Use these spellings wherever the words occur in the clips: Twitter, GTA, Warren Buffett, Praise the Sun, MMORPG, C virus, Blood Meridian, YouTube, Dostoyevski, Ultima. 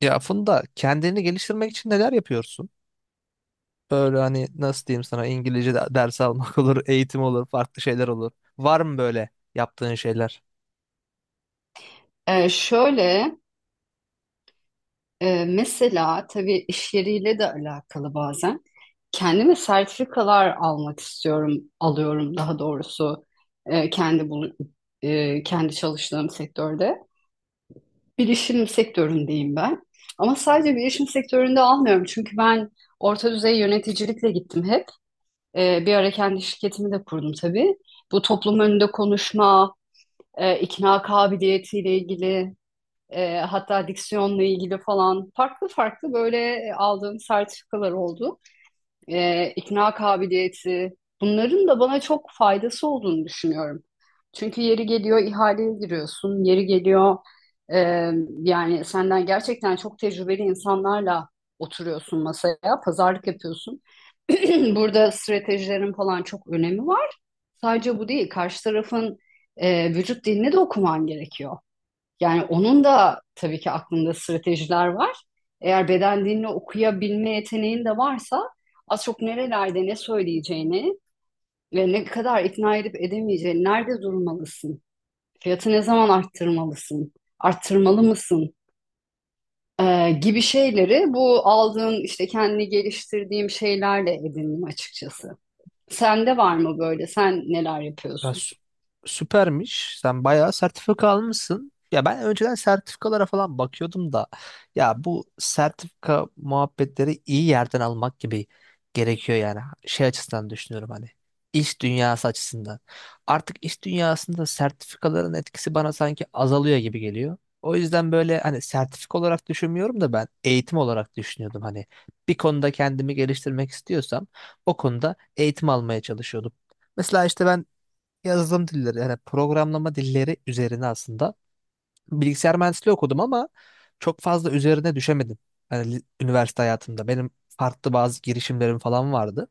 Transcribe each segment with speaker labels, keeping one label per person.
Speaker 1: Ya Funda, kendini geliştirmek için neler yapıyorsun? Böyle hani nasıl diyeyim sana, İngilizce ders almak olur, eğitim olur, farklı şeyler olur. Var mı böyle yaptığın şeyler?
Speaker 2: Şöyle, mesela tabii iş yeriyle de alakalı bazen. Kendime sertifikalar almak istiyorum, alıyorum daha doğrusu e, kendi bulu- kendi çalıştığım sektörde. Bilişim sektöründeyim ben. Ama sadece bilişim sektöründe almıyorum çünkü ben orta düzey yöneticilikle gittim hep. Bir ara kendi şirketimi de kurdum tabii. Bu toplum önünde konuşma, ikna kabiliyetiyle ilgili, hatta diksiyonla ilgili falan farklı farklı böyle aldığım sertifikalar oldu. E, ikna kabiliyeti bunların da bana çok faydası olduğunu düşünüyorum. Çünkü yeri geliyor ihaleye giriyorsun, yeri geliyor, e, yani senden gerçekten çok tecrübeli insanlarla oturuyorsun masaya, pazarlık yapıyorsun. Burada stratejilerin falan çok önemi var. Sadece bu değil, karşı tarafın vücut dilini de okuman gerekiyor. Yani onun da tabii ki aklında stratejiler var. Eğer beden dilini okuyabilme yeteneğin de varsa az çok nerelerde ne söyleyeceğini ve ne kadar ikna edip edemeyeceğini, nerede durmalısın, fiyatı ne zaman arttırmalısın, arttırmalı mısın, gibi şeyleri bu aldığın işte kendini geliştirdiğim şeylerle edindim açıkçası. Sende var mı böyle? Sen neler
Speaker 1: Ya
Speaker 2: yapıyorsun?
Speaker 1: sü- Süpermiş. Sen bayağı sertifika almışsın. Ya ben önceden sertifikalara falan bakıyordum da, ya bu sertifika muhabbetleri iyi yerden almak gibi gerekiyor yani. Şey açısından düşünüyorum, hani iş dünyası açısından. Artık iş dünyasında sertifikaların etkisi bana sanki azalıyor gibi geliyor. O yüzden böyle hani sertifika olarak düşünmüyorum da, ben eğitim olarak düşünüyordum. Hani bir konuda kendimi geliştirmek istiyorsam o konuda eğitim almaya çalışıyordum. Mesela işte ben yazılım dilleri, yani programlama dilleri üzerine aslında, bilgisayar mühendisliği okudum ama çok fazla üzerine düşemedim. Yani üniversite hayatımda benim farklı bazı girişimlerim falan vardı.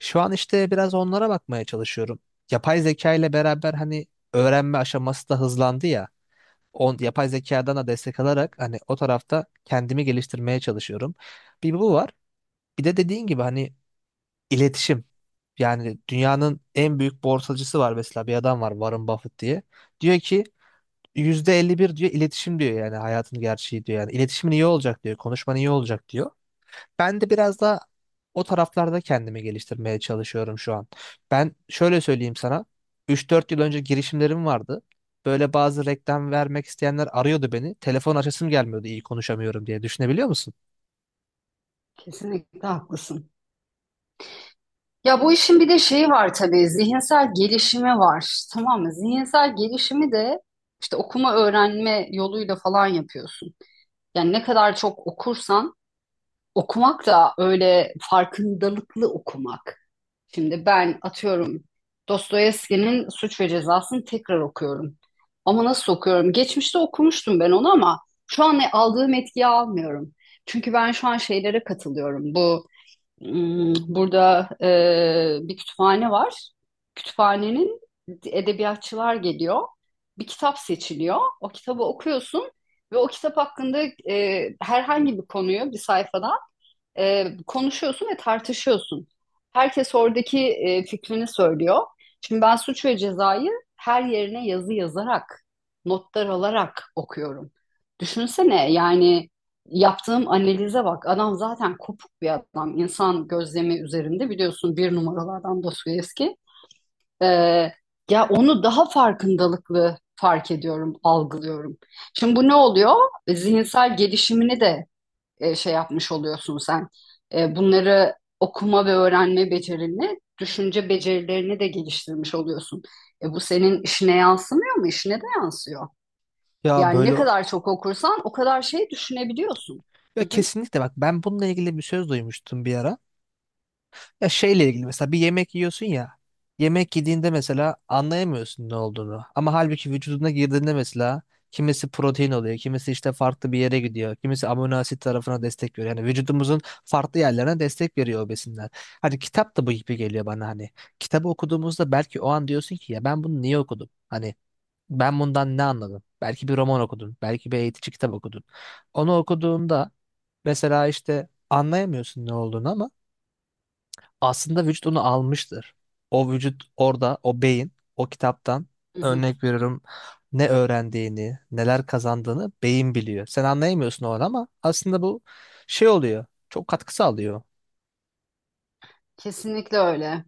Speaker 1: Şu an işte biraz onlara bakmaya çalışıyorum. Yapay zeka ile beraber hani öğrenme aşaması da hızlandı ya. On, yapay zekadan da destek alarak hani o tarafta kendimi geliştirmeye çalışıyorum. Bir bu var. Bir de dediğin gibi hani İletişim. Yani dünyanın en büyük borsacısı var mesela, bir adam var Warren Buffett diye. Diyor ki %51 diyor iletişim diyor, yani hayatın gerçeği diyor. Yani iletişimin iyi olacak diyor. Konuşman iyi olacak diyor. Ben de biraz da o taraflarda kendimi geliştirmeye çalışıyorum şu an. Ben şöyle söyleyeyim sana. 3 4 yıl önce girişimlerim vardı. Böyle bazı reklam vermek isteyenler arıyordu beni. Telefon açasım gelmiyordu, iyi konuşamıyorum diye. Düşünebiliyor musun?
Speaker 2: Kesinlikle haklısın. Ya bu işin bir de şeyi var tabii, zihinsel gelişimi var. Tamam mı? Zihinsel gelişimi de işte okuma öğrenme yoluyla falan yapıyorsun. Yani ne kadar çok okursan, okumak da öyle farkındalıklı okumak. Şimdi ben atıyorum, Dostoyevski'nin Suç ve Cezası'nı tekrar okuyorum. Ama nasıl okuyorum? Geçmişte okumuştum ben onu ama şu an aldığım etkiyi almıyorum. Çünkü ben şu an şeylere katılıyorum. Burada bir kütüphane var. Kütüphanenin edebiyatçılar geliyor. Bir kitap seçiliyor. O kitabı okuyorsun ve o kitap hakkında herhangi bir konuyu bir sayfada konuşuyorsun ve tartışıyorsun. Herkes oradaki fikrini söylüyor. Şimdi ben Suç ve Ceza'yı her yerine yazı yazarak, notlar alarak okuyorum. Düşünsene yani, yaptığım analize bak. Adam zaten kopuk bir adam. İnsan gözlemi üzerinde biliyorsun bir numaralardan Dostoyevski. E, Ya onu daha farkındalıklı fark ediyorum, algılıyorum. Şimdi bu ne oluyor? Zihinsel gelişimini de şey yapmış oluyorsun sen. Bunları okuma ve öğrenme becerini, düşünce becerilerini de geliştirmiş oluyorsun. Bu senin işine yansımıyor mu? İşine de yansıyor.
Speaker 1: Ya
Speaker 2: Yani ne
Speaker 1: böyle,
Speaker 2: kadar çok okursan o kadar şey düşünebiliyorsun.
Speaker 1: ya
Speaker 2: Hı hı,
Speaker 1: kesinlikle, bak ben bununla ilgili bir söz duymuştum bir ara. Ya şeyle ilgili, mesela bir yemek yiyorsun ya. Yemek yediğinde mesela anlayamıyorsun ne olduğunu. Ama halbuki vücuduna girdiğinde mesela kimisi protein oluyor, kimisi işte farklı bir yere gidiyor, kimisi amino asit tarafına destek veriyor. Yani vücudumuzun farklı yerlerine destek veriyor o besinler. Hani kitap da bu gibi geliyor bana, hani kitabı okuduğumuzda belki o an diyorsun ki ya ben bunu niye okudum? Hani ben bundan ne anladım? Belki bir roman okudun, belki bir eğitici kitap okudun. Onu okuduğunda mesela işte anlayamıyorsun ne olduğunu, ama aslında vücut onu almıştır. O vücut orada, o beyin, o kitaptan,
Speaker 2: hı hı.
Speaker 1: örnek veriyorum, ne öğrendiğini, neler kazandığını beyin biliyor. Sen anlayamıyorsun o an ama aslında bu şey oluyor. Çok katkı sağlıyor.
Speaker 2: Kesinlikle öyle.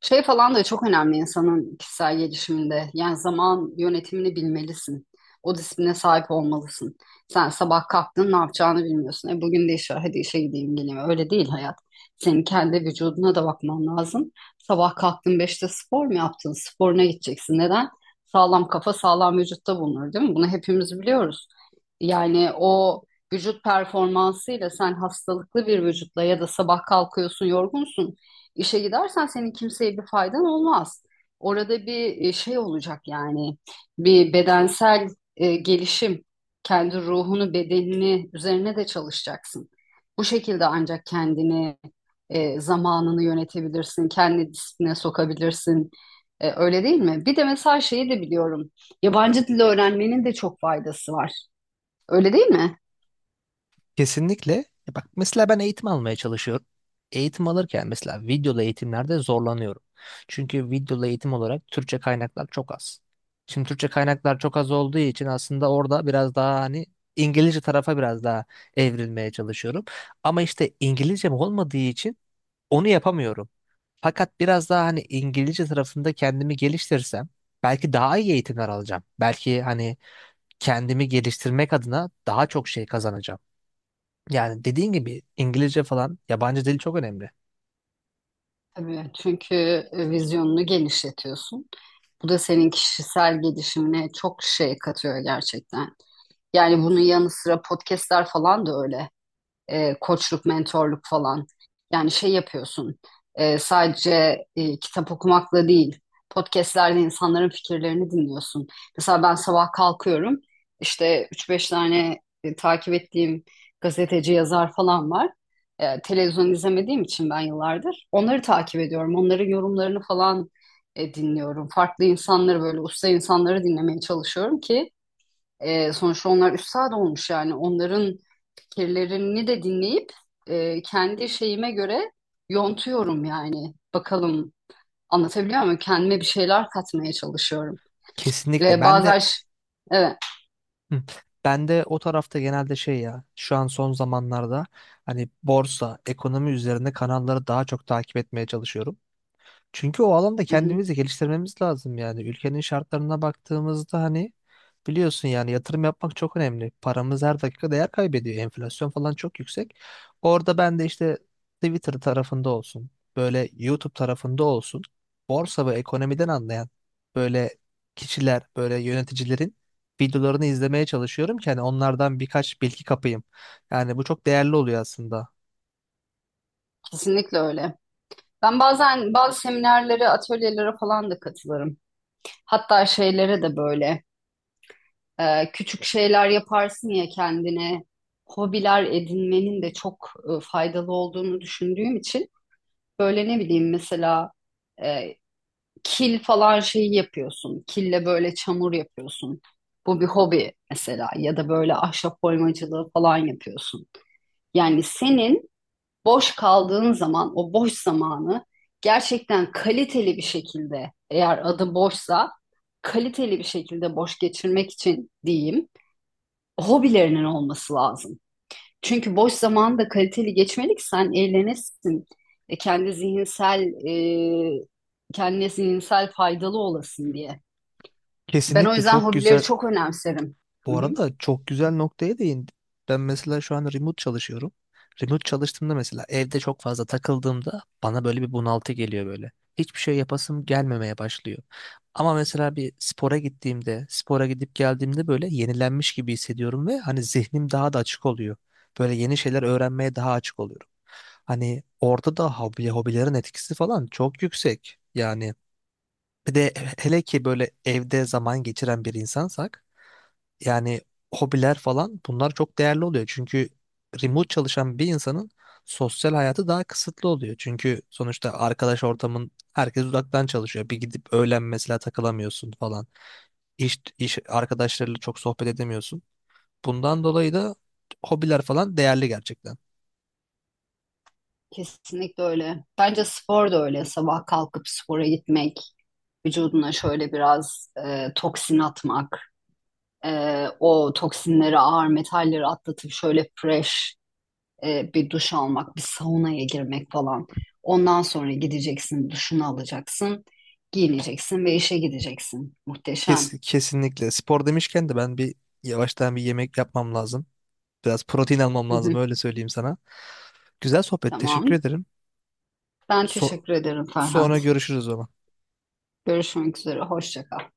Speaker 2: Şey falan da çok önemli insanın kişisel gelişiminde. Yani zaman yönetimini bilmelisin. O disipline sahip olmalısın. Sen sabah kalktın ne yapacağını bilmiyorsun. E, bugün de iş var, hadi işe gideyim geleyim. Öyle değil hayat. Senin kendi vücuduna da bakman lazım. Sabah kalktın 5'te spor mu yaptın? Sporuna gideceksin. Neden? Sağlam kafa sağlam vücutta bulunur, değil mi? Bunu hepimiz biliyoruz. Yani o vücut performansıyla, sen hastalıklı bir vücutla ya da sabah kalkıyorsun yorgunsun, İşe gidersen senin kimseye bir faydan olmaz. Orada bir şey olacak yani, bir bedensel gelişim, kendi ruhunu, bedenini üzerine de çalışacaksın. Bu şekilde ancak kendini, zamanını yönetebilirsin, kendi disipline sokabilirsin. Öyle değil mi? Bir de mesela şeyi de biliyorum. Yabancı dil öğrenmenin de çok faydası var. Öyle değil mi?
Speaker 1: Kesinlikle. Ya bak mesela ben eğitim almaya çalışıyorum. Eğitim alırken mesela videolu eğitimlerde zorlanıyorum. Çünkü videolu eğitim olarak Türkçe kaynaklar çok az. Şimdi Türkçe kaynaklar çok az olduğu için aslında orada biraz daha hani İngilizce tarafa biraz daha evrilmeye çalışıyorum. Ama işte İngilizcem olmadığı için onu yapamıyorum. Fakat biraz daha hani İngilizce tarafında kendimi geliştirsem belki daha iyi eğitimler alacağım. Belki hani kendimi geliştirmek adına daha çok şey kazanacağım. Yani dediğin gibi İngilizce falan, yabancı dil çok önemli.
Speaker 2: Tabii, çünkü vizyonunu genişletiyorsun. Bu da senin kişisel gelişimine çok şey katıyor gerçekten. Yani bunun yanı sıra podcastler falan da öyle, koçluk, mentorluk falan. Yani şey yapıyorsun, sadece kitap okumakla değil, podcastlerde insanların fikirlerini dinliyorsun. Mesela ben sabah kalkıyorum, işte üç beş tane takip ettiğim gazeteci, yazar falan var. Televizyon izlemediğim için ben yıllardır onları takip ediyorum, onların yorumlarını falan dinliyorum. Farklı insanları, böyle usta insanları dinlemeye çalışıyorum ki sonuçta onlar üstad olmuş yani, onların fikirlerini de dinleyip kendi şeyime göre yontuyorum yani. Bakalım, anlatabiliyor muyum? Kendime bir şeyler katmaya çalışıyorum.
Speaker 1: Kesinlikle.
Speaker 2: E,
Speaker 1: Ben de
Speaker 2: bazen ş- evet
Speaker 1: hı, ben de o tarafta genelde şey, ya şu an son zamanlarda hani borsa, ekonomi üzerine kanalları daha çok takip etmeye çalışıyorum. Çünkü o alanda
Speaker 2: hı hı,
Speaker 1: kendimizi geliştirmemiz lazım yani. Ülkenin şartlarına baktığımızda hani, biliyorsun yani, yatırım yapmak çok önemli. Paramız her dakika değer kaybediyor. Enflasyon falan çok yüksek. Orada ben de işte Twitter tarafında olsun, böyle YouTube tarafında olsun, borsa ve ekonomiden anlayan böyle kişiler, böyle yöneticilerin videolarını izlemeye çalışıyorum ki hani onlardan birkaç bilgi kapayım. Yani bu çok değerli oluyor aslında.
Speaker 2: kesinlikle öyle. Ben bazen bazı seminerlere, atölyelere falan da katılırım. Hatta şeylere de böyle, küçük şeyler yaparsın ya kendine. Hobiler edinmenin de çok faydalı olduğunu düşündüğüm için. Böyle ne bileyim, mesela e, kil falan şeyi yapıyorsun. Kille böyle çamur yapıyorsun. Bu bir hobi mesela, ya da böyle ahşap oymacılığı falan yapıyorsun. Yani senin boş kaldığın zaman, o boş zamanı gerçekten kaliteli bir şekilde, eğer adı boşsa kaliteli bir şekilde boş geçirmek için diyeyim, hobilerinin olması lazım. Çünkü boş zamanı da kaliteli geçmeli ki sen eğlenesin. E, kendi zihinsel e, kendine zihinsel faydalı olasın diye. Ben o
Speaker 1: Kesinlikle
Speaker 2: yüzden
Speaker 1: çok
Speaker 2: hobileri
Speaker 1: güzel.
Speaker 2: çok önemserim. Hı
Speaker 1: Bu
Speaker 2: hı.
Speaker 1: arada çok güzel noktaya değindin. Ben mesela şu an remote çalışıyorum. Remote çalıştığımda mesela evde çok fazla takıldığımda bana böyle bir bunaltı geliyor böyle. Hiçbir şey yapasım gelmemeye başlıyor. Ama mesela bir spora gittiğimde, spora gidip geldiğimde böyle yenilenmiş gibi hissediyorum ve hani zihnim daha da açık oluyor. Böyle yeni şeyler öğrenmeye daha açık oluyorum. Hani orada da hobilerin etkisi falan çok yüksek. Yani bir de, hele ki böyle evde zaman geçiren bir insansak, yani hobiler falan, bunlar çok değerli oluyor. Çünkü remote çalışan bir insanın sosyal hayatı daha kısıtlı oluyor. Çünkü sonuçta arkadaş ortamın, herkes uzaktan çalışıyor. Bir gidip öğlen mesela takılamıyorsun falan. İş arkadaşlarıyla çok sohbet edemiyorsun. Bundan dolayı da hobiler falan değerli gerçekten.
Speaker 2: Kesinlikle öyle. Bence spor da öyle. Sabah kalkıp spora gitmek, vücuduna şöyle biraz toksin atmak, o toksinleri, ağır metalleri atlatıp şöyle fresh, bir duş almak, bir saunaya girmek falan. Ondan sonra gideceksin, duşunu alacaksın, giyineceksin ve işe gideceksin. Muhteşem.
Speaker 1: Kesinlikle. Spor demişken de ben bir, yavaştan bir yemek yapmam lazım. Biraz protein almam
Speaker 2: Hı
Speaker 1: lazım,
Speaker 2: hı.
Speaker 1: öyle söyleyeyim sana. Güzel sohbet. Teşekkür
Speaker 2: Tamam.
Speaker 1: ederim.
Speaker 2: Ben
Speaker 1: So-
Speaker 2: teşekkür ederim
Speaker 1: Sonra
Speaker 2: Ferhat.
Speaker 1: görüşürüz o zaman.
Speaker 2: Görüşmek üzere. Hoşça kal.